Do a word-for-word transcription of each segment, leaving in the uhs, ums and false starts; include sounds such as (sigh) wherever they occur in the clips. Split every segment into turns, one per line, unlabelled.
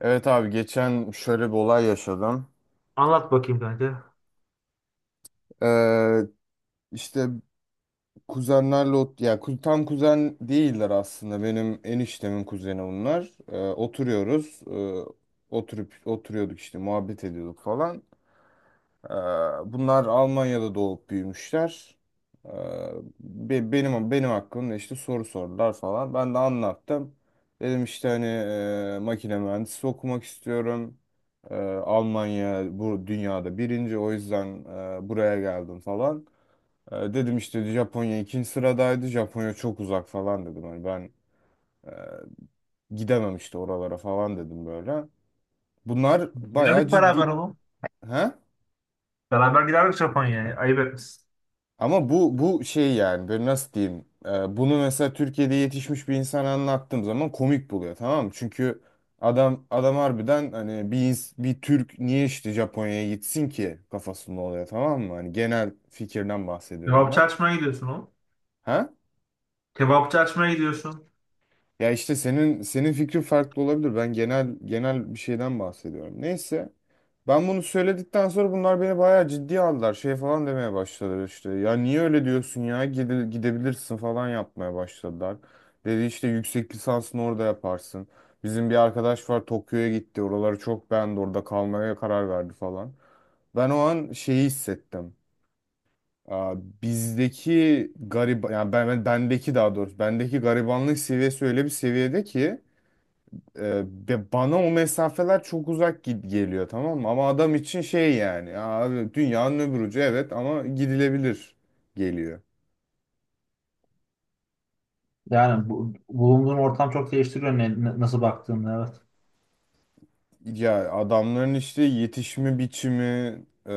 Evet abi geçen şöyle bir olay yaşadım.
Anlat bakayım kanka.
Ee, işte kuzenlerle ot ya ku- tam kuzen değiller aslında. Benim eniştemin kuzeni bunlar. Ee, oturuyoruz. Ee, oturup oturuyorduk işte muhabbet ediyorduk falan. Ee, Bunlar Almanya'da doğup büyümüşler. Ee, be- Benim benim hakkımda işte soru sordular falan. Ben de anlattım. Dedim işte hani e, makine mühendisi okumak istiyorum. Ee, Almanya bu dünyada birinci, o yüzden e, buraya geldim falan. Ee, Dedim işte Japonya ikinci sıradaydı. Japonya çok uzak falan dedim. Hani ben e, gidemem işte oralara falan dedim böyle. Bunlar bayağı
Giderdik beraber
ciddi.
oğlum.
He?
Beraber giderdik Japonya'ya. Ayıp etmişsin.
Ama bu bu şey, yani böyle nasıl diyeyim, e, bunu mesela Türkiye'de yetişmiş bir insana anlattığım zaman komik buluyor, tamam mı? Çünkü adam adam harbiden hani bir ins- bir Türk niye işte Japonya'ya gitsin ki kafasında oluyor, tamam mı? Hani genel fikirden bahsediyorum
Kebapçı
ben.
açmaya gidiyorsun oğlum.
Ha?
Kebapçı açmaya gidiyorsun.
Ya işte senin senin fikrin farklı olabilir. Ben genel genel bir şeyden bahsediyorum. Neyse. Ben bunu söyledikten sonra bunlar beni bayağı ciddiye aldılar. Şey falan demeye başladılar işte. Ya niye öyle diyorsun ya? Gide- gidebilirsin falan yapmaya başladılar. Dedi işte yüksek lisansını orada yaparsın. Bizim bir arkadaş var, Tokyo'ya gitti. Oraları çok beğendi. Orada kalmaya karar verdi falan. Ben o an şeyi hissettim. Aa, bizdeki garip yani ben, ben- bendeki, daha doğrusu bendeki garibanlık seviyesi öyle bir seviyede ki e, be- bana o mesafeler çok uzak gi- geliyor, tamam mı? Ama adam için şey, yani "Ya abi, dünyanın öbür ucu, evet, ama gidilebilir" geliyor.
Yani bu, bulunduğun ortam çok değiştiriyor ne, ne- nasıl baktığını, evet.
Ya adamların işte yetişme biçimi, e,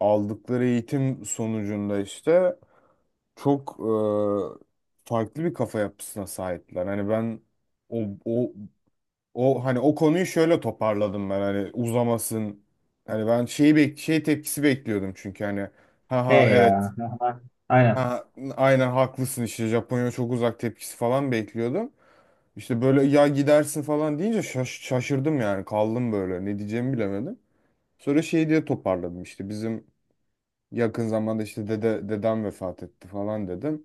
aldıkları eğitim sonucunda işte çok e, farklı bir kafa yapısına sahipler. Hani ben o, o O hani o konuyu şöyle toparladım, ben hani uzamasın. Hani ben şeyi bek şey tepkisi bekliyordum, çünkü hani "ha ha,
He
evet,
ya. Aha, aynen.
ha, aynen haklısın" işte, Japonya çok uzak tepkisi falan bekliyordum. İşte böyle "ya, gidersin" falan deyince şaş şaşırdım, yani kaldım böyle, ne diyeceğimi bilemedim. Sonra şey diye toparladım işte, bizim yakın zamanda işte dede dedem vefat etti falan dedim.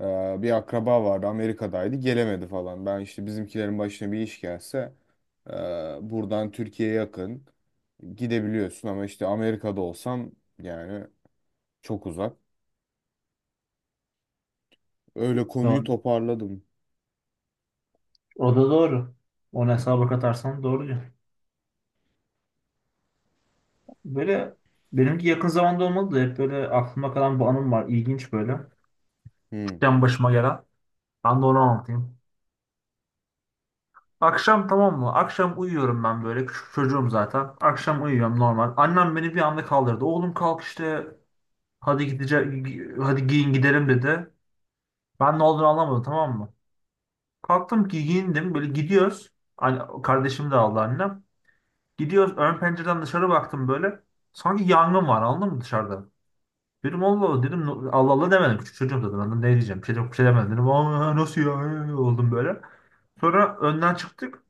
Ee, bir akraba vardı, Amerika'daydı, gelemedi falan. Ben işte bizimkilerin başına bir iş gelse e, buradan Türkiye'ye yakın, gidebiliyorsun, ama işte Amerika'da olsam yani çok uzak. Öyle konuyu
Doğru.
toparladım.
O da doğru. Onu hesaba katarsan doğru diyor. Böyle benimki yakın zamanda olmadı da hep böyle aklıma kalan bu anım var. İlginç böyle.
Hmm.
Küçükken başıma gelen. Ben de onu anlatayım. Akşam, tamam mı? Akşam uyuyorum ben böyle. Küçük çocuğum zaten. Akşam uyuyorum normal. Annem beni bir anda kaldırdı. Oğlum kalk işte. Hadi gidecek. Hadi giyin gidelim dedi. Ben ne olduğunu anlamadım, tamam mı? Kalktım ki giyindim. Böyle gidiyoruz. Anne, kardeşim de aldı annem. Gidiyoruz. Ön pencereden dışarı baktım böyle. Sanki yangın var, anladın mı, dışarıda? Dedim Allah Allah dedim. No- Allah Allah demedim. Küçük çocuğum zaten, anladım ne diyeceğim. Bir şey, yok, bir şey demedim dedim. Aa, nasıl ya. Ee, oldum böyle. Sonra önden çıktık.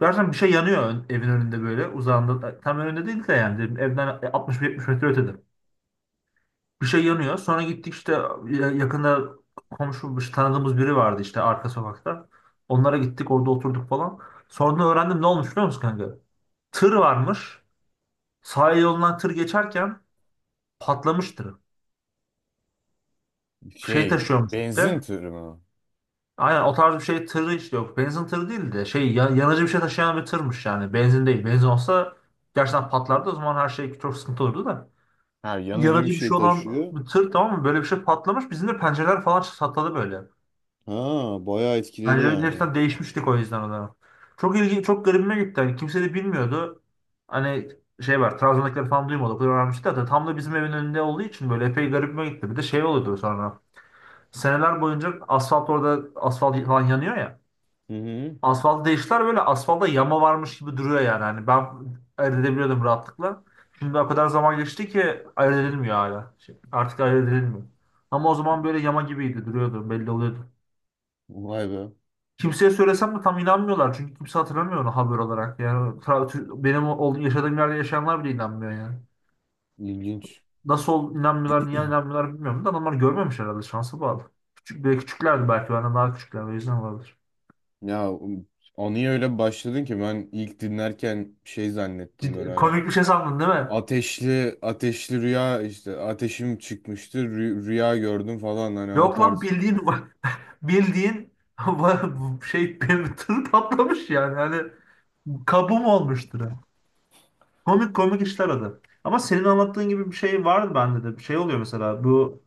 Gerçekten bir şey yanıyor, ön- evin önünde böyle, uzağında. E, Tam önünde değil de, yani dedim, evden altmış yetmiş metre ötede. Bir şey yanıyor. Sonra gittik işte, ya- yakında komşu, işte tanıdığımız biri vardı işte, arka sokakta. Onlara gittik, orada oturduk falan. Sonra öğrendim ne olmuş biliyor musun kanka? Tır varmış. Sahil yolundan tır geçerken patlamış tırı. Şey
Şey,
taşıyormuş
benzin
işte.
tırı mı?
Aynen o tarz bir şey tırı işte, yok. Benzin tırı değil de şey, ya- yanıcı bir şey taşıyan bir tırmış yani. Benzin değil. Benzin olsa gerçekten patlardı. O zaman her şey çok sıkıntı olurdu da.
Ha, yanıcı bir
Yanıcı bir
şey
şey olan
taşıyor.
bir tır, tamam mı? Böyle bir şey patlamış. Bizim de pencereler falan çatladı böyle.
Ha, bayağı etkiledi
Pencereleri
yani.
hepsinden değişmiştik o yüzden o zaman. Çok ilgi, çok garibime gitti. Hani kimse de bilmiyordu. Hani şey var, Trabzon'dakileri falan duymadı. O kadar öğrenmişti zaten. Tam da bizim evin önünde olduğu için böyle epey garibime gitti. Bir de şey oluyordu sonra. Seneler boyunca asfalt, orada asfalt falan yanıyor ya.
Hı hı.
Asfaltı değiştiler, böyle asfalda yama varmış gibi duruyor yani. Hani ben ayırt edebiliyordum rahatlıkla. Şimdi o kadar zaman geçti ki ayırt edilmiyor hala. Şey, artık ayırt edilmiyor. Ama o zaman böyle yama gibiydi, duruyordu, belli oluyordu.
Vay be.
Kimseye söylesem de tam inanmıyorlar çünkü kimse hatırlamıyor onu haber olarak. Yani tra- tü- benim olduğum, yaşadığım yerde yaşayanlar bile inanmıyor yani.
İlginç.
Nasıl ol- inanmıyorlar, niye inanmıyorlar bilmiyorum da adamlar görmemiş herhalde, şansa bağlı. Küçük, böyle küçüklerdi, belki benden daha küçükler, o yüzden olabilir.
Ya anıya öyle başladın ki, ben ilk dinlerken şey zannettim, böyle
Ciddi-
hani
komik bir şey sandın değil mi?
ateşli ateşli rüya, işte ateşim çıkmıştı, rü- rüya gördüm falan, hani o
Yok lan,
tarz.
bildiğin bu. (laughs) Bildiğin (laughs) şey, bir tır patlamış yani. Hani kabuğum olmuştur. Komik komik işler o. Ama senin anlattığın gibi bir şey vardı bende de. Bir şey oluyor mesela. Bu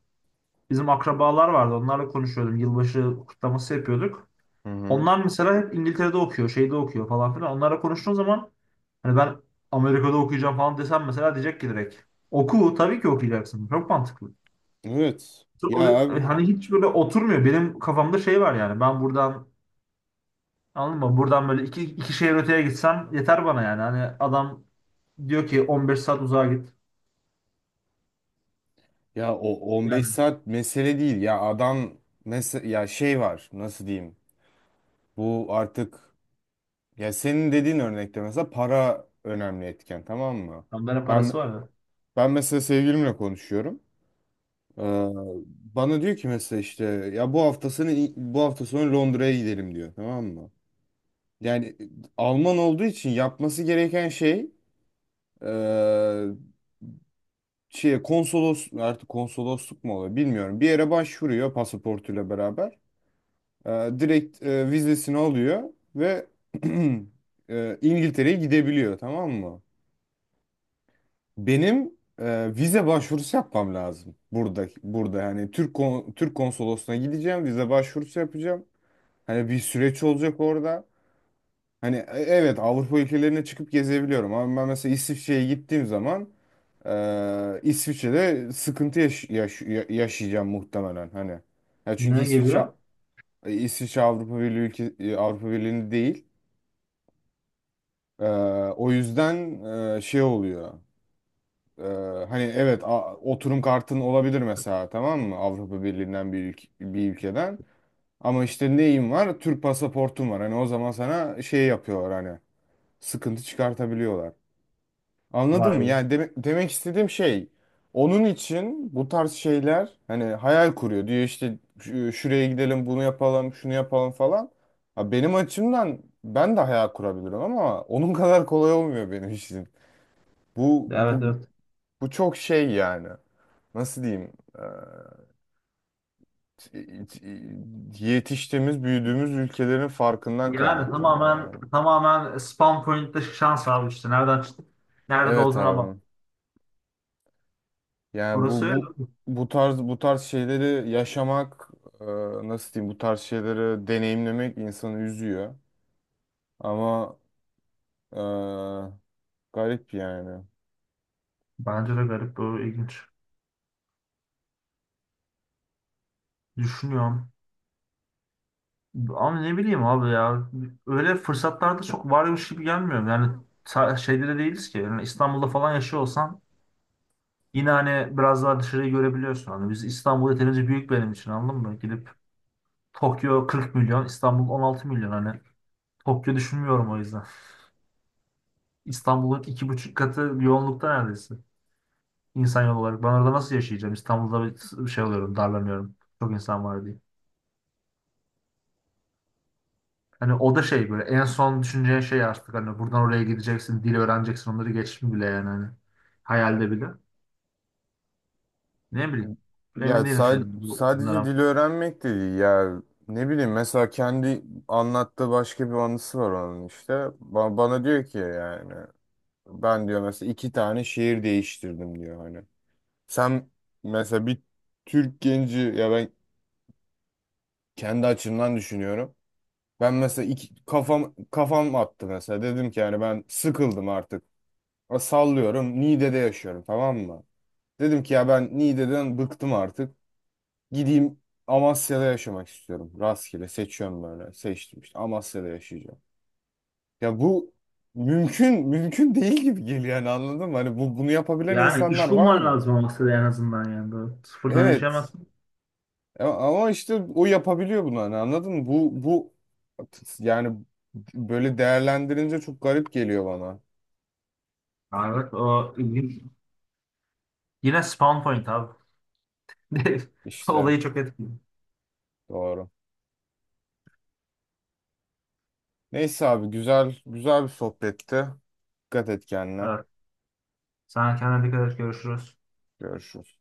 bizim akrabalar vardı. Onlarla konuşuyordum. Yılbaşı kutlaması yapıyorduk.
Hı hı.
Onlar mesela hep İngiltere'de okuyor, şeyde okuyor falan filan. Onlarla konuştuğun zaman hani ben Amerika'da okuyacağım falan desem mesela, diyecek ki direkt oku, tabii ki okuyacaksın. Çok mantıklı.
Evet.
O-
Ya abi,
Hani hiç böyle oturmuyor. Benim kafamda şey var yani. Ben buradan, anladın mı, buradan böyle iki, iki şehir öteye gitsem yeter bana yani. Hani adam diyor ki on beş saat uzağa git.
ya o on beş
Yani
saat mesele değil ya adam, mesela ya şey var, nasıl diyeyim? Bu artık, ya senin dediğin örnekte mesela para önemli etken, tamam mı?
adamların
Ben
parası var ya.
ben mesela sevgilimle konuşuyorum. Ee, bana diyor ki mesela işte, ya bu hafta sonu, bu hafta sonu Londra'ya gidelim diyor, tamam mı? Yani e, Alman olduğu için yapması gereken şey, eee şey, konsolos, artık konsolosluk mu oluyor bilmiyorum, bir yere başvuruyor pasaportuyla beraber. Eee, direkt eee, vizesini alıyor ve (clears throat) eee, İngiltere'ye gidebiliyor, tamam mı? Benim eee, vize başvurusu yapmam lazım. Burada burada yani Türk kon- Türk konsolosluğuna gideceğim, vize başvurusu yapacağım. Hani bir süreç olacak orada. Hani e- evet, Avrupa ülkelerine çıkıp gezebiliyorum, ama ben mesela İsviçre'ye gittiğim zaman e, İsviçre'de sıkıntı yaş- yaş- ya- yaşayacağım muhtemelen hani. Ya çünkü
Ne gibi?
İsviçre e, İsviçre Avrupa Birliği ülke e, Avrupa Birliği'nde değil. E, o yüzden e, şey oluyor. E, hani evet, a- oturum kartın olabilir mesela, tamam mı? Avrupa Birliği'nden bir, ülk- bir ülkeden. Ama işte neyim var? Türk pasaportum var. Hani o zaman sana şey yapıyorlar, hani sıkıntı çıkartabiliyorlar. Anladın
Vay
mı?
be.
Yani deme- demek istediğim şey, onun için bu tarz şeyler hani hayal kuruyor. Diyor işte "Şu- şuraya gidelim, bunu yapalım, şunu yapalım" falan. Ha, benim açımdan ben de hayal kurabilirim, ama onun (laughs) kadar kolay olmuyor benim için. Bu
Evet,
bu
evet.
bu çok şey yani. Nasıl diyeyim? Ee, yetiştiğimiz, büyüdüğümüz ülkelerin farkından
Yani
kaynaklanıyor
tamamen
yani.
tamamen spawn point'te şans abi işte. Nereden çıktık? Nerede
Evet
olduğuna bak.
abi. Yani
Orası
bu
öyle.
bu bu tarz bu tarz şeyleri yaşamak, e, nasıl diyeyim, bu tarz şeyleri deneyimlemek insanı üzüyor, ama e, garip yani.
Bence de garip bu, ilginç. Düşünüyorum. Ama ne bileyim abi ya. Öyle fırsatlarda çok varmış gibi gelmiyor. Yani sa- şeyde de değiliz ki. Yani İstanbul'da falan yaşıyor olsan yine hani biraz daha dışarıyı görebiliyorsun. Hani biz İstanbul yeterince büyük benim için, anladın mı? Gidip Tokyo kırk milyon, İstanbul on altı milyon. Hani Tokyo düşünmüyorum o yüzden. İstanbul'un iki buçuk katı yoğunlukta neredeyse. İnsan yolu olarak. Ben orada nasıl yaşayacağım? İstanbul'da bir şey oluyorum, darlanıyorum. Çok insan var diye. Hani o da şey, böyle en son düşüneceğin şey artık, hani buradan oraya gideceksin, dil öğreneceksin, onları geçtim bile yani hani. Hayalde bile. Ne bileyim.
Ya
Emin değilim
sa-
şeyden, bu-
sadece
bunlara.
dil öğrenmek de değil ya, ne bileyim, mesela kendi anlattığı başka bir anısı var onun, işte Ba- bana diyor ki, yani ben diyor mesela iki tane şehir değiştirdim diyor hani. Sen mesela bir Türk genci, ya ben kendi açımdan düşünüyorum. Ben mesela iki, kafam kafam attı mesela. Dedim ki yani ben sıkıldım artık. A, Sallıyorum, Niğde'de yaşıyorum tamam mı? Dedim ki ya ben Niğde'den bıktım artık. Gideyim, Amasya'da yaşamak istiyorum. Rastgele seçiyorum böyle. Seçtim işte, Amasya'da yaşayacağım. Ya bu mümkün mümkün değil gibi geliyor yani, anladın mı? Hani bu bunu yapabilen
Yani
insanlar
iş
var
bulman
mı?
lazım olması da en azından yani. Böyle sıfırdan
Evet.
yaşayamazsın.
A- Ama işte o yapabiliyor bunu, hani anladın mı? Bu bu yani, böyle değerlendirince çok garip geliyor bana.
Ha, evet, o ilginç. Yine spawn point abi. (laughs)
İşte
Olayı çok etkili.
doğru. Neyse abi, güzel güzel bir sohbetti. Dikkat et kendine.
Evet. Sana kendine dikkat et. Görüşürüz.
Görüşürüz.